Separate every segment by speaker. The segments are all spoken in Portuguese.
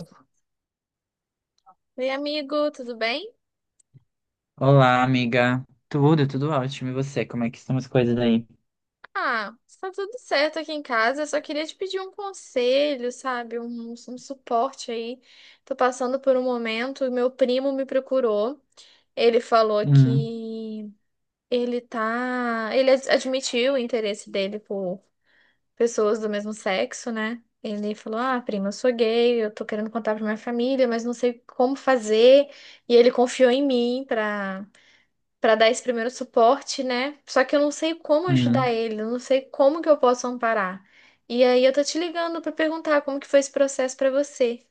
Speaker 1: Oi, amigo, tudo bem?
Speaker 2: Olá, amiga. Tudo ótimo. E você, como é que estão as coisas aí?
Speaker 1: Ah, está tudo certo aqui em casa. Eu só queria te pedir um conselho, sabe? Um suporte aí. Tô passando por um momento, e meu primo me procurou. Ele falou
Speaker 2: Hum.
Speaker 1: que ele tá. Ele admitiu o interesse dele por pessoas do mesmo sexo, né? Ele falou: Ah, prima, eu sou gay, eu tô querendo contar pra minha família, mas não sei como fazer. E ele confiou em mim pra para dar esse primeiro suporte, né? Só que eu não sei como ajudar
Speaker 2: Hum.
Speaker 1: ele, eu não sei como que eu posso amparar. E aí eu tô te ligando para perguntar como que foi esse processo para você.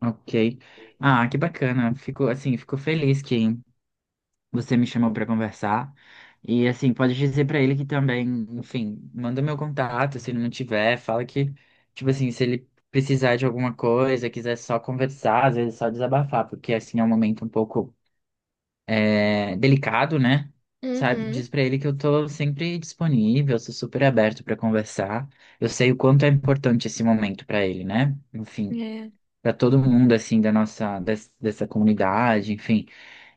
Speaker 2: Ok. Ah, que bacana. Fico, assim, fico feliz que você me chamou para conversar. E, assim, pode dizer para ele que também, enfim, manda meu contato, se ele não tiver, fala que, tipo assim, se ele precisar de alguma coisa, quiser só conversar, às vezes é só desabafar, porque, assim, é um momento um pouco é, delicado, né? Sabe,
Speaker 1: Uhum.
Speaker 2: diz pra ele que eu tô sempre disponível, sou super aberto pra conversar. Eu sei o quanto é importante esse momento pra ele, né? Enfim,
Speaker 1: É.
Speaker 2: pra todo mundo assim da nossa dessa comunidade, enfim.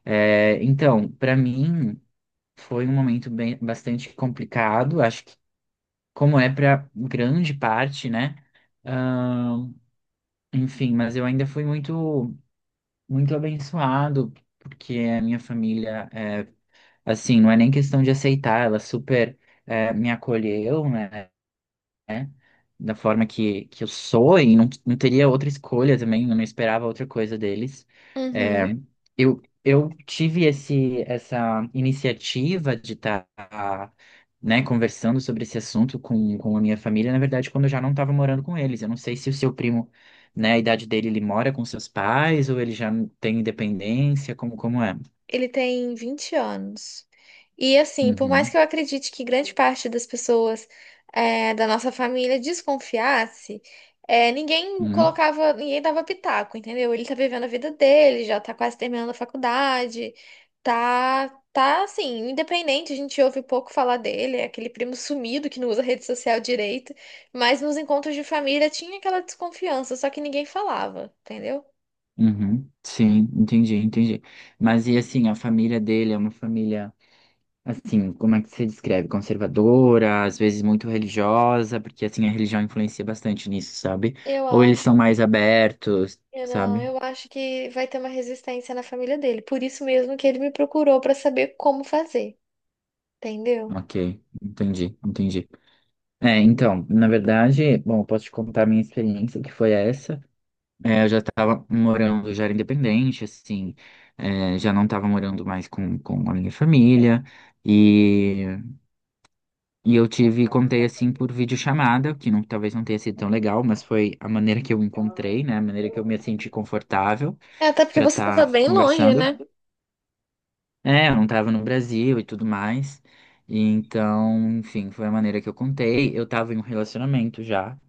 Speaker 2: É, então, pra mim foi um momento bem bastante complicado, acho que como é pra grande parte, né? Ahn, enfim, mas eu ainda fui muito muito abençoado porque a minha família é assim, não é nem questão de aceitar, ela super me acolheu, né? Da forma que eu sou e não, não teria outra escolha também, eu não esperava outra coisa deles. Eh,
Speaker 1: Uhum.
Speaker 2: eu tive esse, essa iniciativa de estar, né, conversando sobre esse assunto com a minha família, na verdade, quando eu já não estava morando com eles. Eu não sei se o seu primo, né, a idade dele, ele mora com seus pais ou ele já tem independência, como, como é?
Speaker 1: Ele tem 20 anos. E assim, por mais
Speaker 2: Uhum,
Speaker 1: que eu acredite que grande parte das pessoas eh, da nossa família desconfiasse, eh, ninguém
Speaker 2: uhum.
Speaker 1: colocava, ninguém dava pitaco, entendeu? Ele tá vivendo a vida dele, já tá quase terminando a faculdade, tá assim, independente, a gente ouve pouco falar dele, é aquele primo sumido que não usa rede social direito, mas nos encontros de família tinha aquela desconfiança, só que ninguém falava, entendeu?
Speaker 2: Uhum, sim, entendi, entendi. Mas e assim, a família dele é uma família, assim, como é que você descreve? Conservadora, às vezes muito religiosa, porque assim, a religião influencia bastante nisso, sabe?
Speaker 1: Eu
Speaker 2: Ou eles
Speaker 1: acho.
Speaker 2: são mais abertos,
Speaker 1: Eu não,
Speaker 2: sabe?
Speaker 1: eu acho que vai ter uma resistência na família dele. Por isso mesmo que ele me procurou pra saber como fazer, entendeu?
Speaker 2: Ok, entendi, entendi. É, então, na verdade, bom, eu posso te contar a minha experiência, que foi essa. É, eu já estava morando, já era independente, assim, é, já não estava morando mais com a minha família. E E eu tive, contei assim por videochamada, que não, talvez não tenha sido tão legal, mas foi a maneira que eu encontrei, né? A maneira que eu me senti confortável
Speaker 1: É, até porque
Speaker 2: para
Speaker 1: você tava
Speaker 2: estar
Speaker 1: bem longe,
Speaker 2: conversando.
Speaker 1: né?
Speaker 2: É, eu não tava no Brasil e tudo mais. E então, enfim, foi a maneira que eu contei. Eu tava em um relacionamento já,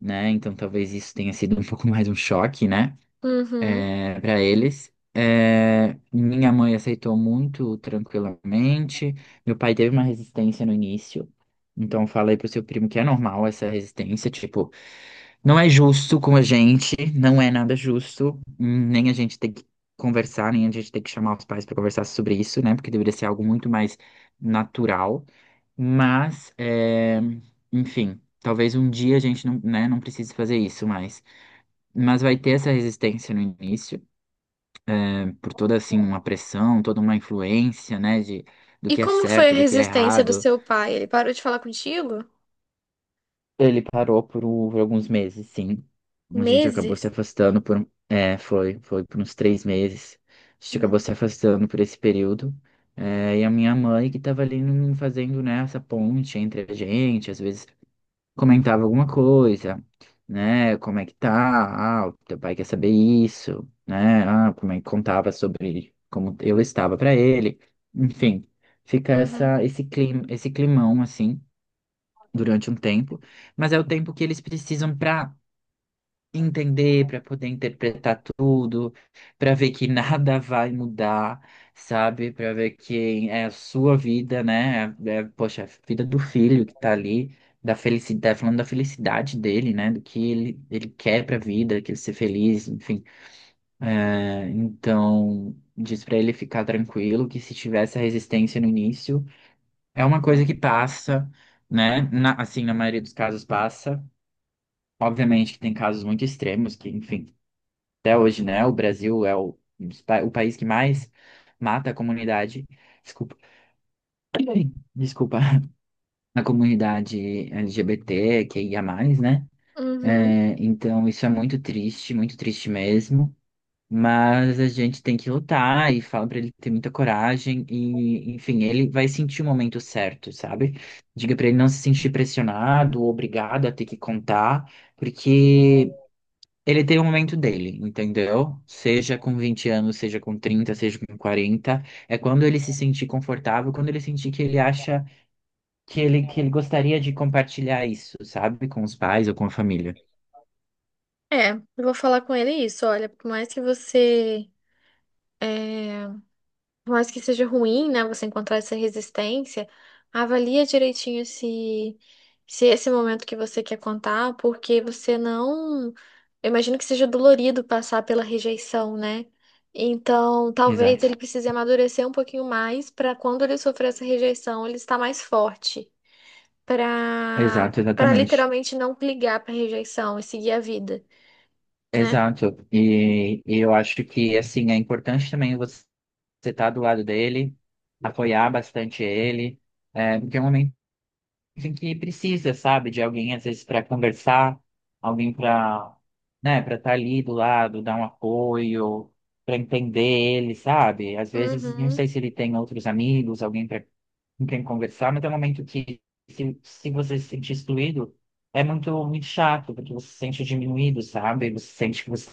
Speaker 2: né? Então talvez isso tenha sido um pouco mais um choque, né?
Speaker 1: Uhum.
Speaker 2: É, para eles. É, minha mãe aceitou muito tranquilamente. Meu pai teve uma resistência no início. Então falei pro seu primo que é normal essa resistência, tipo, não é justo com a gente, não é nada justo, nem a gente tem que conversar, nem a gente tem que chamar os pais para conversar sobre isso, né? Porque deveria ser algo muito mais natural. Mas, é, enfim, talvez um dia a gente não, né, não precise fazer isso mais. Mas vai ter essa resistência no início por toda assim uma pressão, toda uma influência, né, de do
Speaker 1: E
Speaker 2: que é
Speaker 1: como foi
Speaker 2: certo,
Speaker 1: a
Speaker 2: do que é
Speaker 1: resistência do
Speaker 2: errado.
Speaker 1: seu pai? Ele parou de falar contigo?
Speaker 2: Ele parou por, por alguns meses, sim. A gente acabou se
Speaker 1: Meses?
Speaker 2: afastando por, é, foi por uns 3 meses. A gente acabou
Speaker 1: Uhum.
Speaker 2: se afastando por esse período. É, e a minha mãe que estava ali fazendo, né, essa ponte entre a gente, às vezes comentava alguma coisa, né? Como é que tá? Ah, o teu pai quer saber isso, né? Ah, como é que contava sobre como eu estava para ele. Enfim, fica
Speaker 1: Uhum.
Speaker 2: essa, esse clima, esse climão assim durante um tempo, mas é o tempo que eles precisam para entender, para poder interpretar tudo, para ver que nada vai mudar, sabe? Para ver que é a sua vida, né? É, é, poxa, a vida do filho que tá ali, da felicidade, falando da felicidade dele, né? Do que ele quer pra vida, que ele ser feliz, enfim. É, então, diz pra ele ficar tranquilo, que se tivesse a resistência no início, é uma coisa que passa, né? Assim, na maioria dos casos passa. Obviamente que tem casos muito extremos que, enfim, até hoje, né? O Brasil é o país que mais mata a comunidade, desculpa, desculpa, a comunidade LGBT, que ia mais, né?
Speaker 1: Uhum.
Speaker 2: É, então, isso é muito triste mesmo. Mas a gente tem que lutar e fala pra ele ter muita coragem e, enfim, ele vai sentir o momento certo, sabe? Diga pra ele não se sentir pressionado, obrigado a ter que contar, porque ele tem o momento dele, entendeu? Seja com 20 anos, seja com 30, seja com 40, é quando ele se sentir confortável, quando ele sentir que ele acha que ele gostaria de compartilhar isso, sabe? Com os pais ou com a família.
Speaker 1: É, eu vou falar com ele isso. Olha, por mais que você é, por mais que seja ruim, né, você encontrar essa resistência, avalia direitinho se é esse momento que você quer contar, porque você não, eu imagino que seja dolorido passar pela rejeição, né? Então, talvez ele
Speaker 2: Exato,
Speaker 1: precise amadurecer um pouquinho mais para quando ele sofrer essa rejeição, ele estar mais forte, para
Speaker 2: exato,
Speaker 1: para
Speaker 2: exatamente.
Speaker 1: literalmente não ligar para rejeição e seguir a vida, né?
Speaker 2: Exato. E eu acho que, assim, é importante também você estar do lado dele, apoiar bastante ele, é, porque é um momento em que precisa, sabe, de alguém às vezes para conversar, alguém para, né, para estar ali do lado, dar um apoio, para entender ele, sabe? Às vezes não
Speaker 1: Uhum.
Speaker 2: sei se ele tem outros amigos, alguém para com quem conversar, mas é um momento que se você se sentir excluído, é muito muito chato, porque você se sente diminuído, sabe? Você sente que você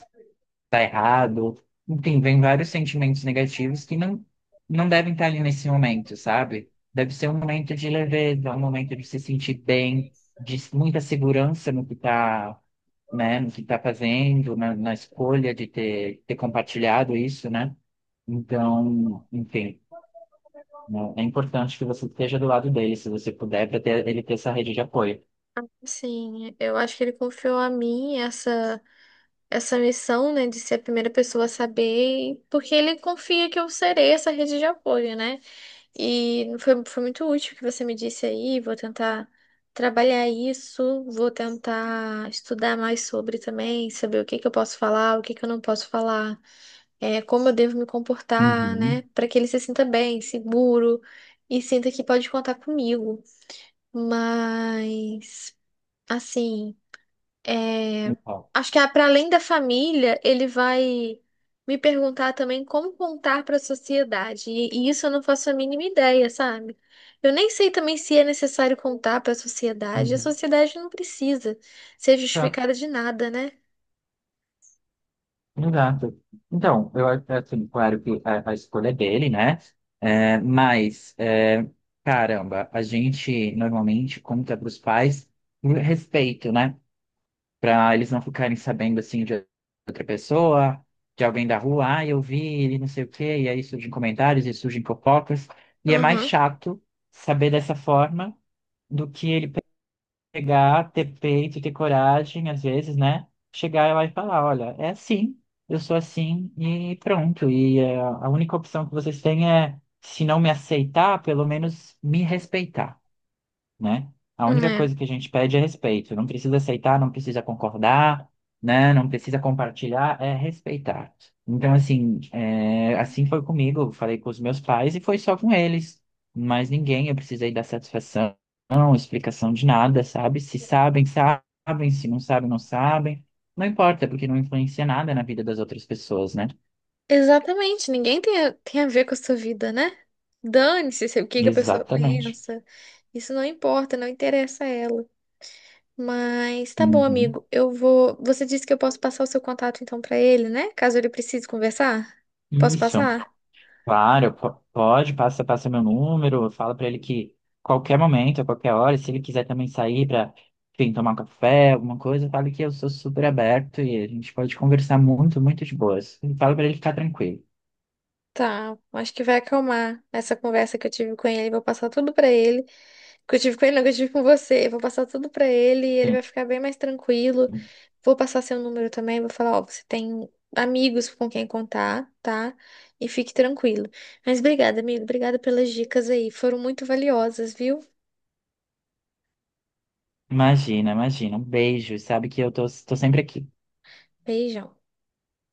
Speaker 2: tá errado. Enfim, vem vários sentimentos negativos que não, não devem estar ali nesse momento, sabe? Deve ser um momento de leveza, um momento de se sentir bem, de muita segurança no que tá, né, no que tá fazendo, na escolha de ter compartilhado isso, né? Então, enfim, né, é importante que você esteja do lado dele, se você puder, para ter, ele ter essa rede de apoio.
Speaker 1: Sim, eu acho que ele confiou a mim essa missão, né, de ser a primeira pessoa a saber, porque ele confia que eu serei essa rede de apoio, né? E foi muito útil o que você me disse aí. Vou tentar trabalhar isso, vou tentar estudar mais sobre também, saber o que que eu posso falar, o que que eu não posso falar, é, como eu devo me comportar,
Speaker 2: Uhum.
Speaker 1: né, para que ele se sinta bem, seguro e sinta que pode contar comigo. Mas, assim. É,
Speaker 2: Então,
Speaker 1: acho que para além da família, ele vai me perguntar também como contar para a sociedade. E isso eu não faço a mínima ideia, sabe? Eu nem sei também se é necessário contar para a sociedade. A
Speaker 2: uhum.
Speaker 1: sociedade não precisa ser
Speaker 2: Tá.
Speaker 1: justificada de nada, né?
Speaker 2: Exato. Então, eu acho assim, claro que a escolha é dele, né? É, mas, é, caramba, a gente normalmente conta para os pais por respeito, né? Para eles não ficarem sabendo, assim, de outra pessoa, de alguém da rua, ah, eu vi ele, não sei o quê, e aí surgem comentários e surgem fofocas. E é mais
Speaker 1: Aham.
Speaker 2: chato saber dessa forma do que ele chegar, ter peito, ter coragem, às vezes, né? Chegar lá e falar, olha, é assim, eu sou assim e pronto. E a única opção que vocês têm é, se não me aceitar, pelo menos me respeitar, né? A única coisa que a gente pede é respeito. Não precisa aceitar, não precisa concordar, né? Não precisa compartilhar, é respeitar. Então, assim, é, assim foi comigo. Eu falei com os meus pais e foi só com eles. Mas ninguém, eu precisei dar satisfação, não, explicação de nada, sabe? Se sabem, sabem, se não sabem, não sabem. Não importa, é porque não influencia nada na vida das outras pessoas, né?
Speaker 1: Exatamente, tem a ver com a sua vida, né? Dane-se se- o que que a pessoa
Speaker 2: Exatamente.
Speaker 1: pensa. Isso não importa, não interessa a ela. Mas tá bom,
Speaker 2: Uhum.
Speaker 1: amigo. Eu vou. Você disse que eu posso passar o seu contato então pra ele, né? Caso ele precise conversar. Posso
Speaker 2: Isso.
Speaker 1: passar?
Speaker 2: Claro, pode, passa, passa meu número, fala pra ele que qualquer momento, a qualquer hora, se ele quiser também sair pra, enfim, tomar um café, alguma coisa, fala que eu sou super aberto e a gente pode conversar muito, muito de boas. E fala pra ele ficar tranquilo.
Speaker 1: Tá, acho que vai acalmar essa conversa que eu tive com ele. Vou passar tudo pra ele. Que eu tive com ele, não, que eu tive com você. Eu vou passar tudo pra ele, ele
Speaker 2: Sim.
Speaker 1: vai ficar bem mais tranquilo. Vou passar seu número também, vou falar, ó, você tem amigos com quem contar, tá? E fique tranquilo. Mas obrigada, amigo, obrigada pelas dicas aí, foram muito valiosas, viu?
Speaker 2: Imagina, imagina. Um beijo, sabe que eu tô sempre aqui.
Speaker 1: Beijão.